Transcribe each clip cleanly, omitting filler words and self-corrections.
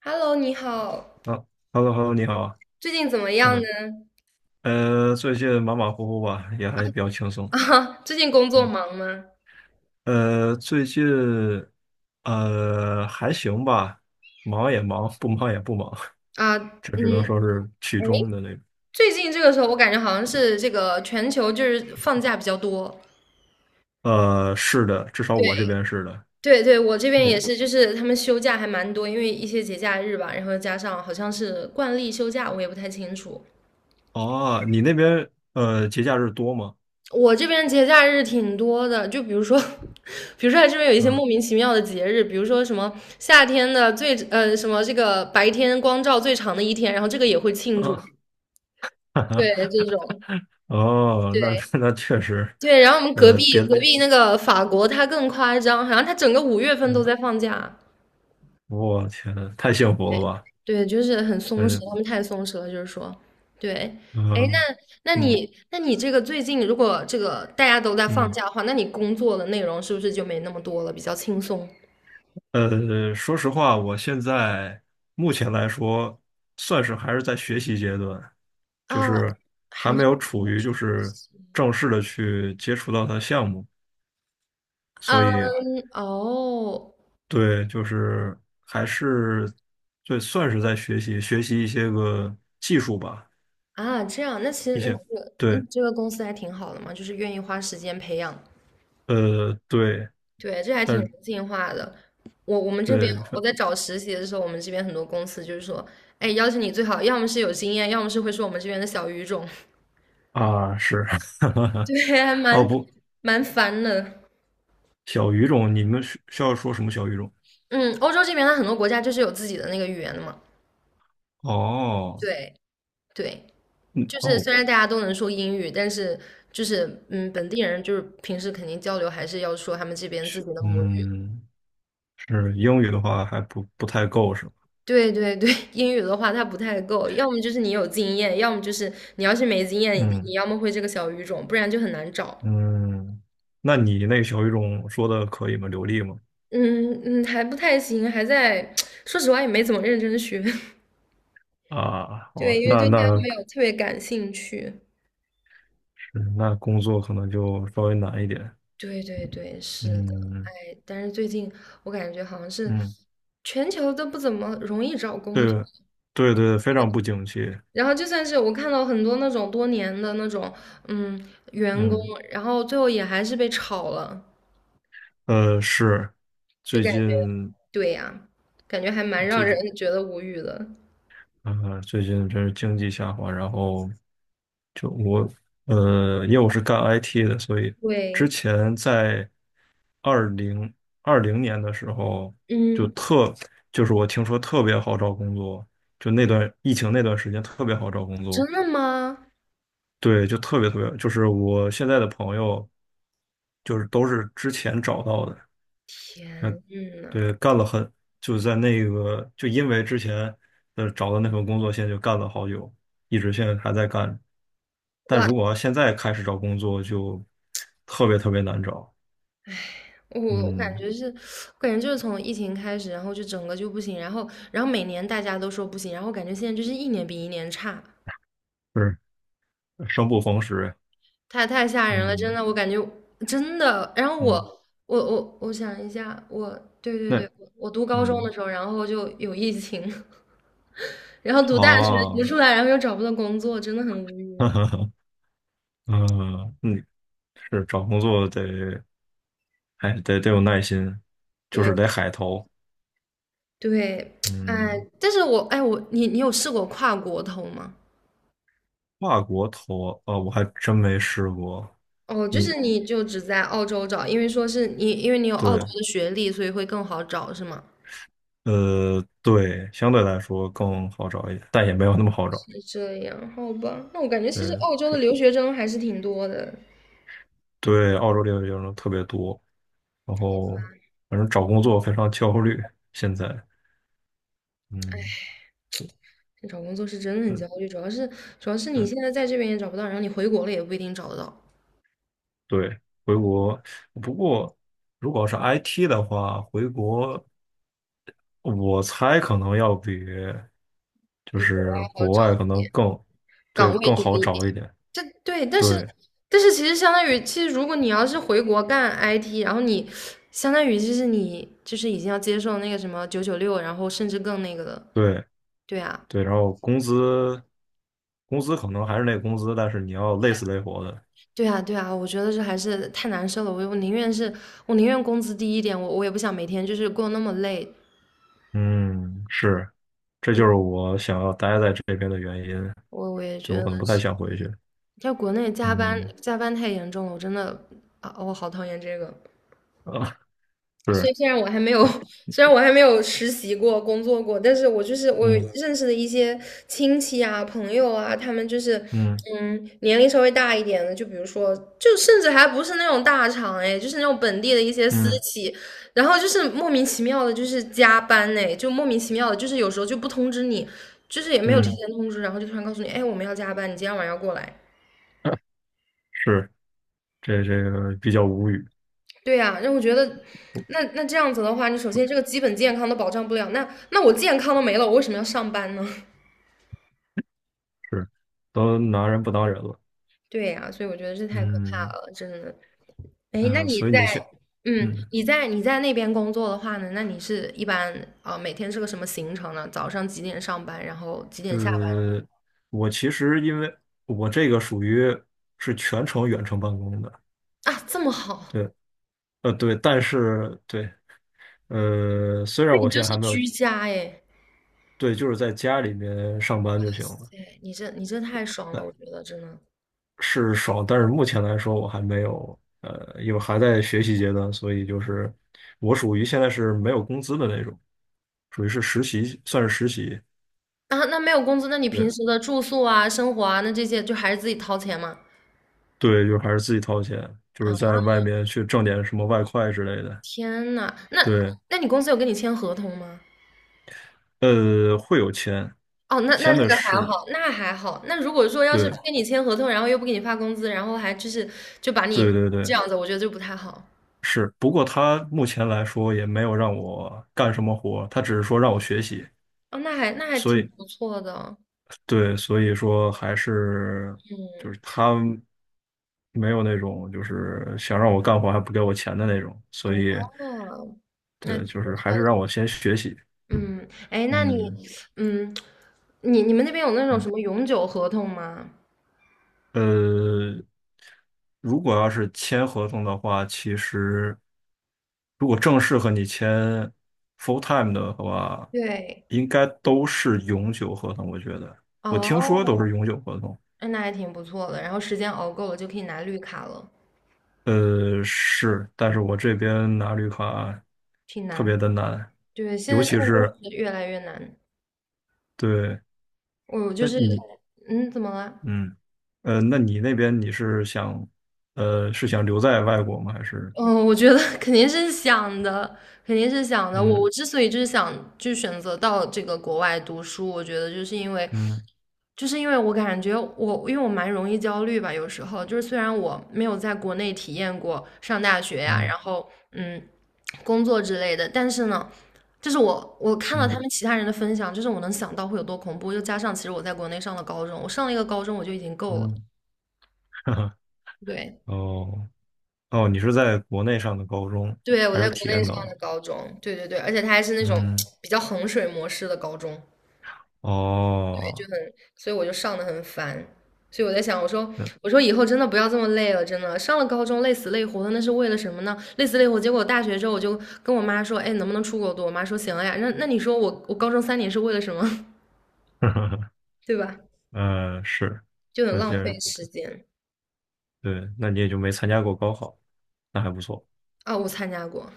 Hello，你好，好。Hello，Hello，你好。最近怎么样啊。呢？嗯，最近马马虎虎吧，也还比较轻 松。啊，最近工作嗯。忙吗？最近还行吧，忙也忙，不忙也不忙。啊，这嗯。只能说是其哎，中的那种。最近这个时候我感觉好像是这个全球就是放假比较多。是的，至少对我这边是的。对对，我这边你也是，就是他们休假还蛮多，因为一些节假日吧，然后加上好像是惯例休假，我也不太清楚。哦，你那边节假日多吗？我这边节假日挺多的，就比如说，比如说它这边有一些嗯。莫名其妙的节日，比如说什么夏天的最呃什么这个白天光照最长的一天，然后这个也会庆祝。啊。对，这种，哦，对那确实。对。然后我们隔呃，壁别的隔地，壁那个法国，他更夸张，好像他整个5月份都嗯。在放假。我天，太幸福了吧。对，就是很松反弛，正。他们太松弛了，就是说，对。哎，嗯。那那嗯你那你这个最近如果这个大家都在放嗯。假的话，那你工作的内容是不是就没那么多了，比较轻松说实话，我现在目前来说，算是还是在学习阶段。就啊？是还还没是？有处于就是正式的去接触到它的项目，所以。嗯。哦。对，就是还是。对，算是在学习学习一些个技术吧。啊，这样，那其实一那你些这个对。你这个公司还挺好的嘛，就是愿意花时间培养。对。对，这还但挺是人性化的。我们这边对。我在找实习的时候，我们这边很多公司就是说，哎，要求你最好要么是有经验，要么是会说我们这边的小语种。啊。是。对，还 哦蛮不。蛮烦的。小语种，你们需要说什么小语种？嗯，欧洲这边它很多国家就是有自己的那个语言的嘛。哦。对对，嗯。就是哦。虽然大家都能说英语，但是就是本地人就是平时肯定交流还是要说他们这边自是。己的母语。嗯。是英语的话还不太够是吧？对对对，英语的话它不太够，要么就是你有经验，要么就是你要是没经验，你嗯你要么会这个小语种，不然就很难找。嗯。那你那个小语种说的可以吗？流利吗？嗯嗯，还不太行，还在，说实话也没怎么认真学。啊。对，哦。因为那对它那没有特别感兴趣。是。那工作可能就稍微难一点。对对对，是的。嗯哎，但是最近我感觉好像是嗯。全球都不怎么容易找工作，对对对，非常不景气。然后就算是我看到很多那种多年的那种嗯员工，嗯。然后最后也还是被炒了。是。就最感觉近对呀，感觉还蛮让最近人觉得无语的。啊、最近真是经济下滑，然后。就我，因为我是干 IT 的，所以之对，前在2020年的时候，就嗯，特，就是我听说特别好找工作，就那段疫情那段时间特别好找工作。真的吗？对，就特别特别，就是我现在的朋友就是都是之前找到的。天呐，对，干了很，就在那个，就因为之前的找的那份工作，现在就干了好久，一直现在还在干。但哇！如果要现在开始找工作，就特别特别难找。我我感嗯。觉是，我感觉就是从疫情开始，然后就整个就不行，然后每年大家都说不行，然后感觉现在就是一年比一年差，不是。生不逢时。太吓人了，真嗯的，我感觉真的。然后嗯。我想一下，我对对那。对，我读高中嗯。的时候，然后就有疫情，然后读大学读啊。出来，然后又找不到工作，真的很无 哈语。哈哈。嗯。嗯。是找工作得，还得有耐心，就对是得海投。对，哎，嗯。但是我哎我你你有试过跨国投吗？跨国投啊，我还真没试过。哦，就你是你就只在澳洲找，因为说是你因为你有澳洲对。的学历，所以会更好找是吗？对，相对来说更好找一点，但也没有那么好找。是这样，好吧，那我感觉其实对。澳洲的是。留学生还是挺多的。对，澳洲留学生特别多，然后反正找工作非常焦虑。现在。嗯。就找工作是真的很焦嗯。虑，主要是你对现在在这边也找不到，然后你回国了也不一定找得到，对，回国。不过，如果是 IT 的话，回国我猜可能要比就比国外是好国找，外可能更。对，岗位更多好一找点。一点。这对，但是对但是其实相当于，其实如果你要是回国干 IT，然后你相当于就是你就是已经要接受那个什么996，然后甚至更那个了。对，对啊，对，然后工资可能还是那个工资，但是你要累死累活的。对啊，对啊，我觉得这还是太难受了。我宁愿工资低一点，我也不想每天就是过那么累。嗯。是。这对，就是我想要待在这边的原因，我也觉就我得可能不太是，想回去。在国内加班嗯。加班太严重了，我真的啊，我好讨厌这个。啊。所是。以虽然我还没有，虽然我还没有实习过、工作过，但是我就是我有嗯认识的一些亲戚啊、朋友啊，他们就是，嗯嗯，年龄稍微大一点的，就比如说，就甚至还不是那种大厂哎，就是那种本地的一些私嗯企，然后就是莫名其妙的，就是加班哎，就莫名其妙的，就是有时候就不通知你，就是也没有提嗯。前通知，然后就突然告诉你，哎，我们要加班，你今天晚上要过来，是。这个比较无语，对呀，让我觉得，那这样子的话，你首就先这个基本健康都保障不了，那我健康都没了，我为什么要上班呢？是都拿人不当人了。对呀，所以我觉得这太可怕嗯。了，真的。哎，那啊，你所以你在，想。嗯，嗯。你在那边工作的话呢，那你是一般啊，每天是个什么行程呢？早上几点上班，然后几点下班？呃，我其实因为我这个属于是全程远程办公的。啊，这么好，对。对。但是对。虽然那你我就现在是还没有。居家哎，对，就是在家里面上班就行了。对，你这太爽了，那我觉得真的。是爽，但是目前来说我还没有，因为还在学习阶段，所以就是我属于现在是没有工资的那种，属于是实习，算是实习。啊，那没有工资，那你平对。时的住宿啊、生活啊，那这些就还是自己掏钱吗？对，就还是自己掏钱，就是啊。在外面去挣点什么外快之类的。天呐，那对。那你公司有跟你签合同吗？会有签。哦，那签这的个还是，好，那还好。那如果说要是不跟你签合同，然后又不给你发工资，然后还就是就把你对对对这对。样子，我觉得就不太好。是，不过他目前来说也没有让我干什么活，他只是说让我学习，哦，那还所挺以不错的哦，对，所以说还是就嗯，是他没有那种就是想让我干活还不给我钱的那种，所以哦，那对，挺就不是还是让错我先学习。的，嗯，哎，那你，嗯嗯，你们那边有那种什嗯。么永久合同吗？呃，如果要是签合同的话，其实如果正式和你签 full time 的话，对，应该都是永久合同。我觉得，我听说都哦，是永久合同。那还挺不错的。然后时间熬够了就可以拿绿卡了，是。但是我这边拿绿卡挺特难。别的难，对，现尤在现其在都是。是越来越难。对，我就那是，你。嗯，怎么了？嗯。那你那边你是想，是想留在外国吗？还是。嗯，我觉得 肯定是想的，肯定是想的。我嗯我之所以就是想就选择到这个国外读书，我觉得就是因为，嗯就是因为我感觉我，因为我蛮容易焦虑吧，有时候就是虽然我没有在国内体验过上大学呀，嗯然后嗯，工作之类的，但是呢，就是我看到他嗯们其他人的分享，就是我能想到会有多恐怖，又加上其实我在国内上了高中，我上了一个高中我就已经够了，嗯。对。哦。哦，你是在国内上的高中。对，我还在是国体内验上到。的高中，对对对，而且他还是那种嗯。比较衡水模式的高中，就哦。很，所以我就上的很烦，所以我在想，我说嗯。我说以后真的不要这么累了，真的上了高中累死累活的，那是为了什么呢？累死累活，结果大学之后我就跟我妈说，哎，能不能出国读？我妈说行了呀，那你说我高中3年是为了什么？对吧？是。就很那既浪然。费时间。对，那你也就没参加过高考，那还不错。啊，我参加过，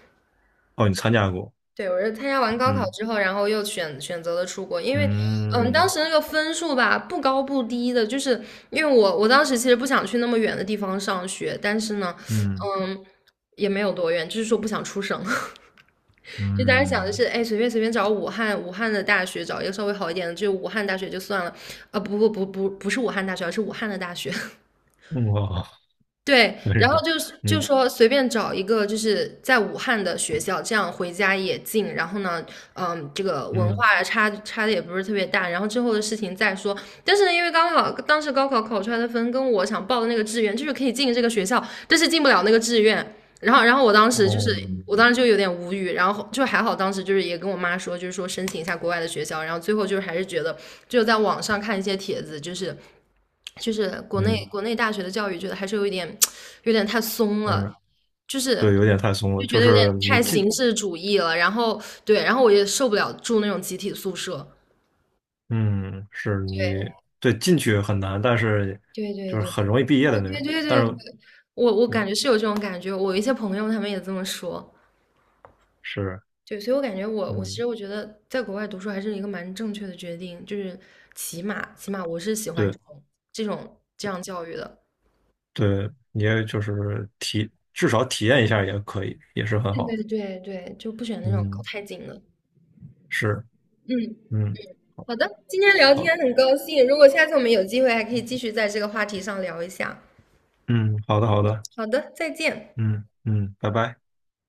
哦，你参加过。对，我是参加完高考嗯之后，然后又选择了出国，因为，嗯，当嗯时那个分数吧，不高不低的，就是因为我当时其实不想去那么远的地方上学，但是呢，嗯嗯，也没有多远，就是说不想出省，就当时想的是，嗯。哎，随便找武汉的大学，找一个稍微好一点的，就武汉大学就算了，啊、不不不不不是武汉大学，而是武汉的大学，嗯。哇。对，真然后是。就是就嗯说随便找一个就是在武汉的学校，这样回家也近。然后呢，嗯，这个文嗯。化差的也不是特别大。然后之后的事情再说。但是呢，因为刚好当时高考考出来的分跟我想报的那个志愿就是可以进这个学校，但是进不了那个志愿。然后我当时就是，哦。我当时就有点无语。然后就还好，当时就是也跟我妈说，就是说申请一下国外的学校。然后最后就是还是觉得，就在网上看一些帖子，就是。就是国内嗯国内大学的教育，觉得还是有点太松了，嗯。就是对，有点太松了，就觉就得有是点你太进。形式主义了。然后对，然后我也受不了住那种集体宿舍。嗯。是。对，进去很难，但是对对就是对很对，容易毕业我的那对种。对但对对，是我对。感觉是有这种感觉，我一些朋友他们也这么说。是。对，所以我感觉我其嗯。实我觉得在国外读书还是一个蛮正确的决定，就是起码我是喜欢对这种这样教育的。对，你也就是至少体验一下也可以，也是很对好。对对对，就不选那种搞嗯。太紧的。是。嗯。嗯。好的，今天聊好。天很高兴，如果下次我们有机会，还可以继续在这个话题上聊一下。嗯。好的好的。好的，再见。嗯嗯。拜拜。